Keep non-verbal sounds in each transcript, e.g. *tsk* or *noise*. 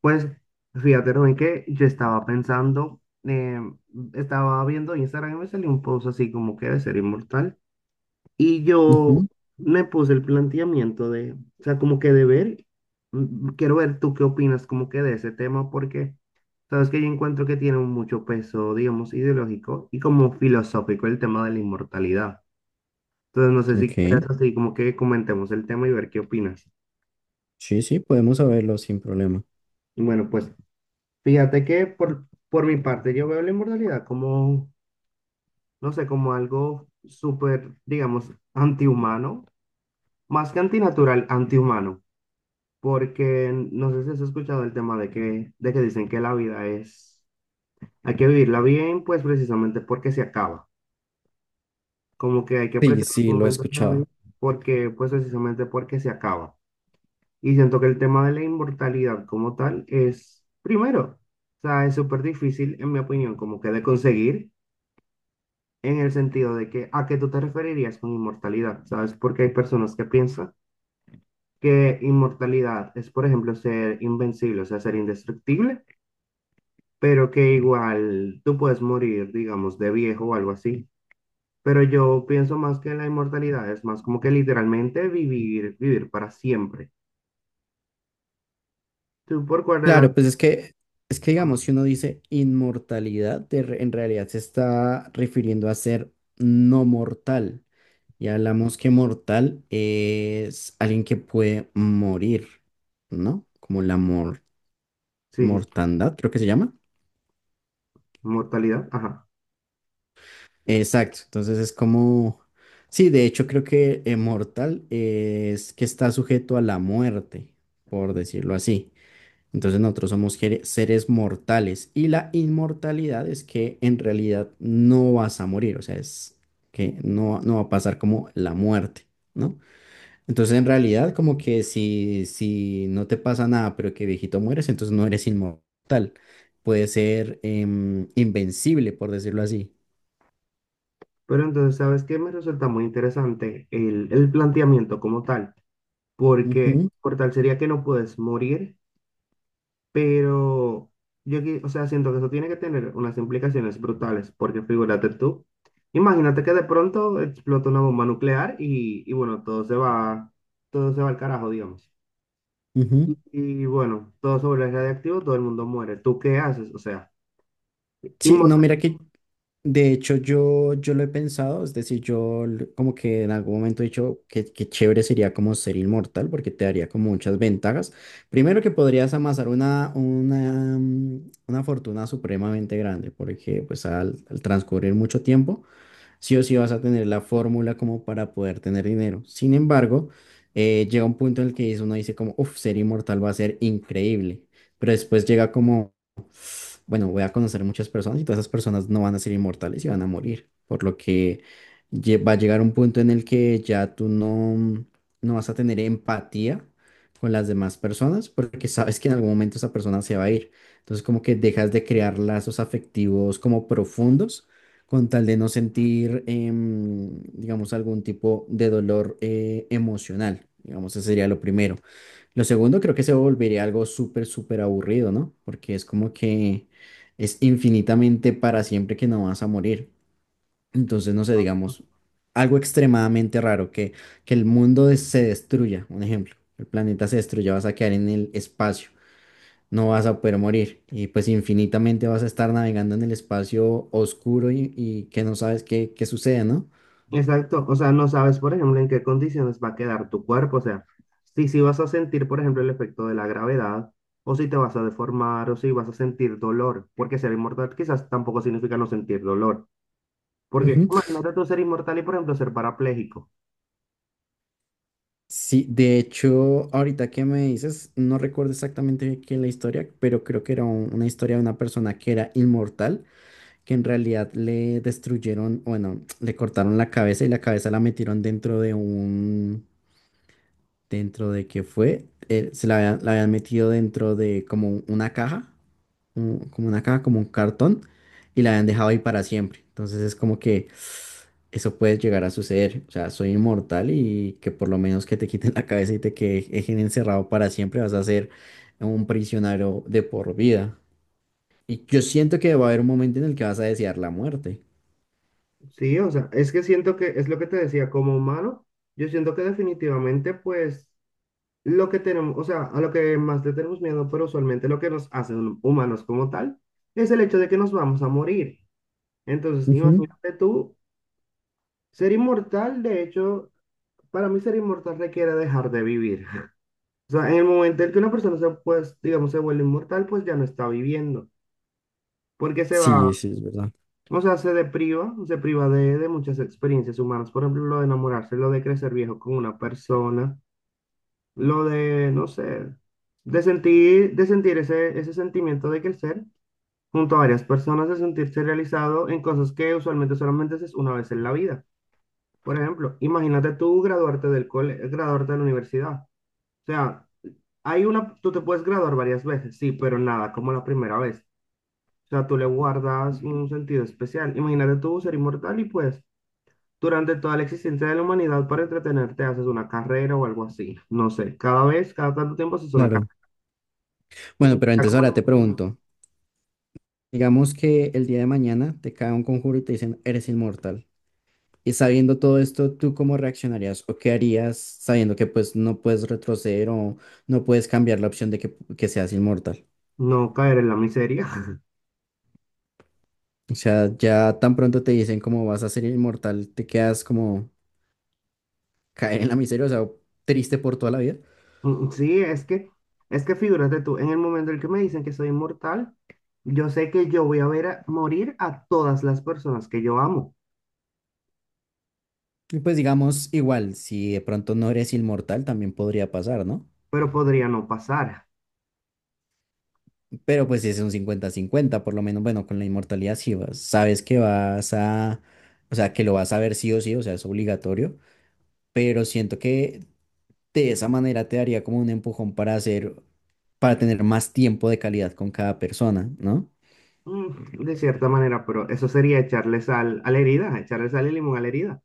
Pues fíjate, Rubén, que yo estaba pensando, estaba viendo Instagram y me salió un post así como que de ser inmortal. Y yo Ujú. me puse el planteamiento de, o sea, como que de ver, quiero ver tú qué opinas como que de ese tema, porque sabes que yo encuentro que tiene mucho peso, digamos, ideológico y como filosófico el tema de la inmortalidad. Entonces, no sé si Ok, quieres así como que comentemos el tema y ver qué opinas. sí, sí, podemos saberlo sin problema. Bueno, pues fíjate que por mi parte yo veo la inmortalidad como, no sé, como algo súper, digamos, antihumano, más que antinatural, antihumano, porque no sé si has escuchado el tema de que dicen que la vida es, hay que vivirla bien, pues precisamente porque se acaba, como que hay que Sí, apreciar sí, los lo he momentos de la vida, escuchado. porque, pues precisamente porque se acaba. Y siento que el tema de la inmortalidad como tal es, primero, o sea, es súper difícil, en mi opinión, como que de conseguir, en el sentido de que a qué tú te referirías con inmortalidad, ¿sabes? Porque hay personas que piensan que inmortalidad es, por ejemplo, ser invencible, o sea, ser indestructible, pero que igual tú puedes morir, digamos, de viejo o algo así. Pero yo pienso más que la inmortalidad es más como que literalmente vivir para siempre. ¿Tú por cuál de las... Claro, pues es que digamos, ah, si uno dice inmortalidad, en realidad se está refiriendo a ser no mortal. Y hablamos que mortal es alguien que puede morir, ¿no? Como sí, sí, mortandad, creo que se llama. inmortalidad, ajá. Exacto, entonces es como, sí, de hecho creo que mortal es que está sujeto a la muerte, por decirlo así. Entonces nosotros somos seres mortales y la inmortalidad es que en realidad no vas a morir, o sea, es que no va a pasar como la muerte, ¿no? Entonces en realidad como que si no te pasa nada, pero que viejito mueres, entonces no eres inmortal. Puedes ser invencible, por decirlo así. Pero entonces, ¿sabes qué? Me resulta muy interesante el planteamiento como tal, porque Ujú, por tal sería que no puedes morir. Pero yo, o sea, siento que eso tiene que tener unas implicaciones brutales, porque figúrate tú, imagínate que de pronto explota una bomba nuclear y bueno, todo se va al carajo, digamos. ujú. Bueno, todo se vuelve radiactivo, todo el mundo muere. ¿Tú qué haces? O sea, Sí, no, mira inmortal. que de hecho, yo lo he pensado, es decir, como que en algún momento he dicho que chévere sería como ser inmortal porque te daría como muchas ventajas. Primero que podrías amasar una fortuna supremamente grande porque pues al transcurrir mucho tiempo, sí o sí vas a tener la fórmula como para poder tener dinero. Sin embargo, llega un punto en el que uno dice como, uff, ser inmortal va a ser increíble, pero después llega como bueno, voy a conocer muchas personas y todas esas personas no van a ser inmortales y van a morir, por lo que va a llegar un punto en el que ya tú no vas a tener empatía con las demás personas porque sabes que en algún momento esa persona se va a ir. Entonces como que dejas de crear lazos afectivos como profundos con tal de no sentir, digamos, algún tipo de dolor emocional. Digamos, ese sería lo primero. Lo segundo creo que se volvería algo súper, súper aburrido, ¿no? Porque es como que es infinitamente para siempre que no vas a morir. Entonces, no sé, digamos, algo extremadamente raro, que el mundo se destruya, un ejemplo, el planeta se destruya, vas a quedar en el espacio, no vas a poder morir y pues infinitamente vas a estar navegando en el espacio oscuro y que no sabes qué sucede, ¿no? Exacto. O sea, no sabes, por ejemplo, en qué condiciones va a quedar tu cuerpo. O sea, si vas a sentir, por ejemplo, el efecto de la gravedad, o si te vas a deformar, o si vas a sentir dolor, porque ser inmortal quizás tampoco significa no sentir dolor. Porque imagínate tú ser inmortal y, por ejemplo, ser parapléjico. Sí, de hecho, ahorita que me dices, no recuerdo exactamente qué es la historia, pero creo que era una historia de una persona que era inmortal, que en realidad le destruyeron, bueno, *tsk* le cortaron la cabeza y la cabeza la metieron dentro de un, dentro de que fue, se la habían metido dentro de como una caja, como una caja, como un cartón, y la habían dejado ahí para siempre. Entonces es como que eso puede llegar a suceder. O sea, soy inmortal y que por lo menos que te quiten la cabeza y te dejen encerrado para siempre, vas a ser un prisionero de por vida. Y yo siento que va a haber un momento en el que vas a desear la muerte. Sí, o sea, es que siento que es lo que te decía, como humano, yo siento que definitivamente, pues, lo que tenemos, o sea, a lo que más le tenemos miedo, pero usualmente lo que nos hace humanos como tal, es el hecho de que nos vamos a morir. Entonces, Ujú. imagínate tú ser inmortal, de hecho, para mí ser inmortal requiere dejar de vivir. *laughs* O sea, en el momento en que una persona se, pues, digamos, se vuelve inmortal, pues ya no está viviendo, porque se va. Sí, sí, es verdad. O sea, se depriva, se priva de muchas experiencias humanas. Por ejemplo, lo de enamorarse, lo de crecer viejo con una persona, lo de, no sé, de sentir ese, ese sentimiento de crecer junto a varias personas, de sentirse realizado en cosas que usualmente solamente haces una vez en la vida. Por ejemplo, imagínate tú graduarte del cole, graduarte de la universidad. O sea, hay una, tú te puedes graduar varias veces, sí, pero nada, como la primera vez. O sea, tú le guardas un sentido especial. Imagínate tú ser inmortal y pues durante toda la existencia de la humanidad, para entretenerte, haces una carrera o algo así. No sé, cada vez, cada tanto tiempo haces una Claro. carrera. Tiene Bueno, que pero estar entonces como la ahora te emoción. pregunto. Digamos que el día de mañana te cae un conjuro y te dicen, eres inmortal. Y sabiendo todo esto, ¿tú cómo reaccionarías o qué harías sabiendo que pues no puedes retroceder o no puedes cambiar la opción de que seas inmortal? No caer en la miseria. *laughs* O sea, ya tan pronto te dicen cómo vas a ser inmortal, te quedas como caer en la miseria, o sea, triste por toda la vida. Sí, es que figúrate tú, en el momento en el que me dicen que soy inmortal, yo sé que yo voy a ver morir a todas las personas que yo amo, Y pues digamos, igual, si de pronto no eres inmortal, también podría pasar, ¿no? pero podría no pasar. Pero pues es un cincuenta-cincuenta por lo menos, bueno, con la inmortalidad sí sabes que vas a, o sea, que lo vas a ver sí o sí, o sea, es obligatorio, pero siento que de esa manera te daría como un empujón para hacer, para tener más tiempo de calidad con cada persona, ¿no? De cierta manera, pero eso sería echarle sal a la herida, echarle sal y limón a la herida.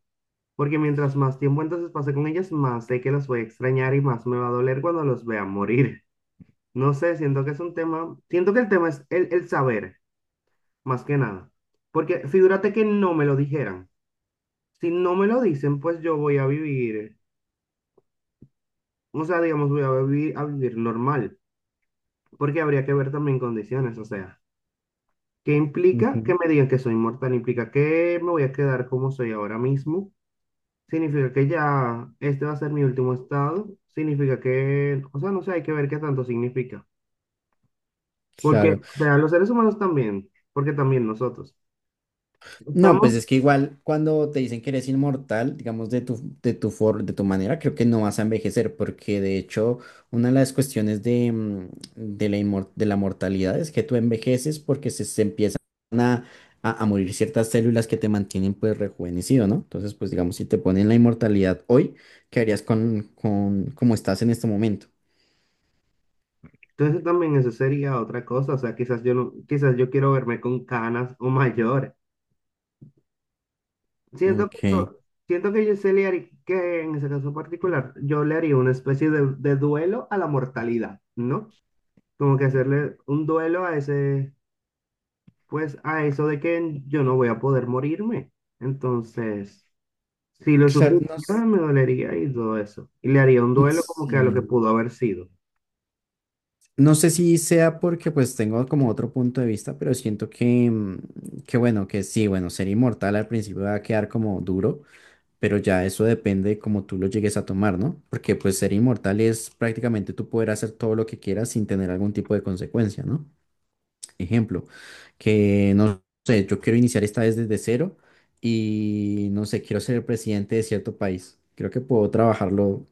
Porque mientras más tiempo entonces pase con ellas, más sé que las voy a extrañar y más me va a doler cuando los vea morir. No sé, siento que es un tema, siento que el tema es el saber, más que nada. Porque figúrate que no me lo dijeran. Si no me lo dicen, pues yo voy a vivir, o sea, digamos, voy a vivir normal, porque habría que ver también condiciones, o sea, ¿qué implica que Ujú. me digan que soy inmortal? ¿Implica que me voy a quedar como soy ahora mismo? Significa que ya este va a ser mi último estado, significa que, o sea, no sé, hay que ver qué tanto significa. Porque, Claro. o sea, los seres humanos también, porque también nosotros No, pues estamos, es que igual cuando te dicen que eres inmortal, digamos de tu, de tu manera, creo que no vas a envejecer, porque de hecho una de las cuestiones de, de la, de la mortalidad es que tú envejeces porque se empiezan a, a morir ciertas células que te mantienen pues rejuvenecido, ¿no? Entonces, pues digamos, si te ponen la inmortalidad hoy, ¿qué harías con cómo estás en este momento? entonces también eso sería otra cosa, o sea, quizás yo no, quizás yo quiero verme con canas o mayor. Siento que Ok. yo, siento que yo se le haría, que en ese caso particular, yo le haría una especie de duelo a la mortalidad, ¿no? Como que hacerle un duelo a ese, pues a eso de que yo no voy a poder morirme. Entonces, si lo Claro, sufriera, me dolería y todo eso. Y le haría un duelo como que a lo que sí. pudo haber sido. No sé si sea porque pues tengo como otro punto de vista, pero siento que, que bueno, que sí, bueno, ser inmortal al principio va a quedar como duro, pero ya eso depende de cómo tú lo llegues a tomar, ¿no? Porque pues ser inmortal es prácticamente tú poder hacer todo lo que quieras sin tener algún tipo de consecuencia, ¿no? Ejemplo, que no sé, yo quiero iniciar esta vez desde cero y no sé, quiero ser el presidente de cierto país. Creo que puedo trabajarlo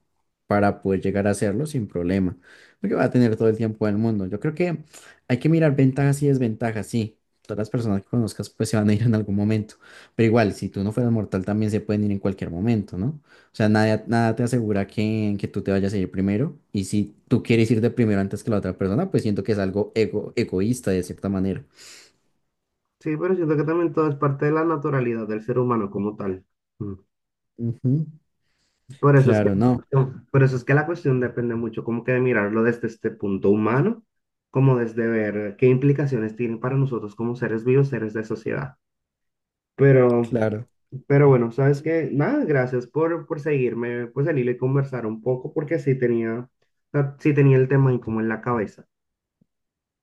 para poder llegar a hacerlo sin problema, porque va a tener todo el tiempo del mundo. Yo creo que hay que mirar ventajas y desventajas, sí. Todas las personas que conozcas pues se van a ir en algún momento, pero igual, si tú no fueras mortal también se pueden ir en cualquier momento, ¿no? O sea, nada te asegura que tú te vayas a ir primero. Y si tú quieres ir de primero antes que la otra persona, pues siento que es algo egoísta de cierta manera. Sí, pero siento que también todo es parte de la naturalidad del ser humano como tal. Mm. Ujú. Por eso es que, Claro, no, por eso es que la cuestión depende mucho como que de mirarlo desde este punto humano, como desde ver qué implicaciones tienen para nosotros como seres vivos, seres de sociedad. Pero claro. Pero bueno, sabes que nada, gracias por seguirme, pues salir y conversar un poco, porque sí tenía, o sea, sí tenía el tema ahí como en la cabeza.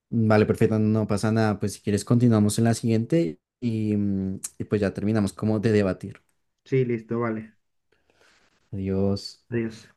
Vale, perfecto, no pasa nada. Pues si quieres continuamos en la siguiente y, y pues ya terminamos como de debatir. Sí, listo, vale. Adiós. Adiós.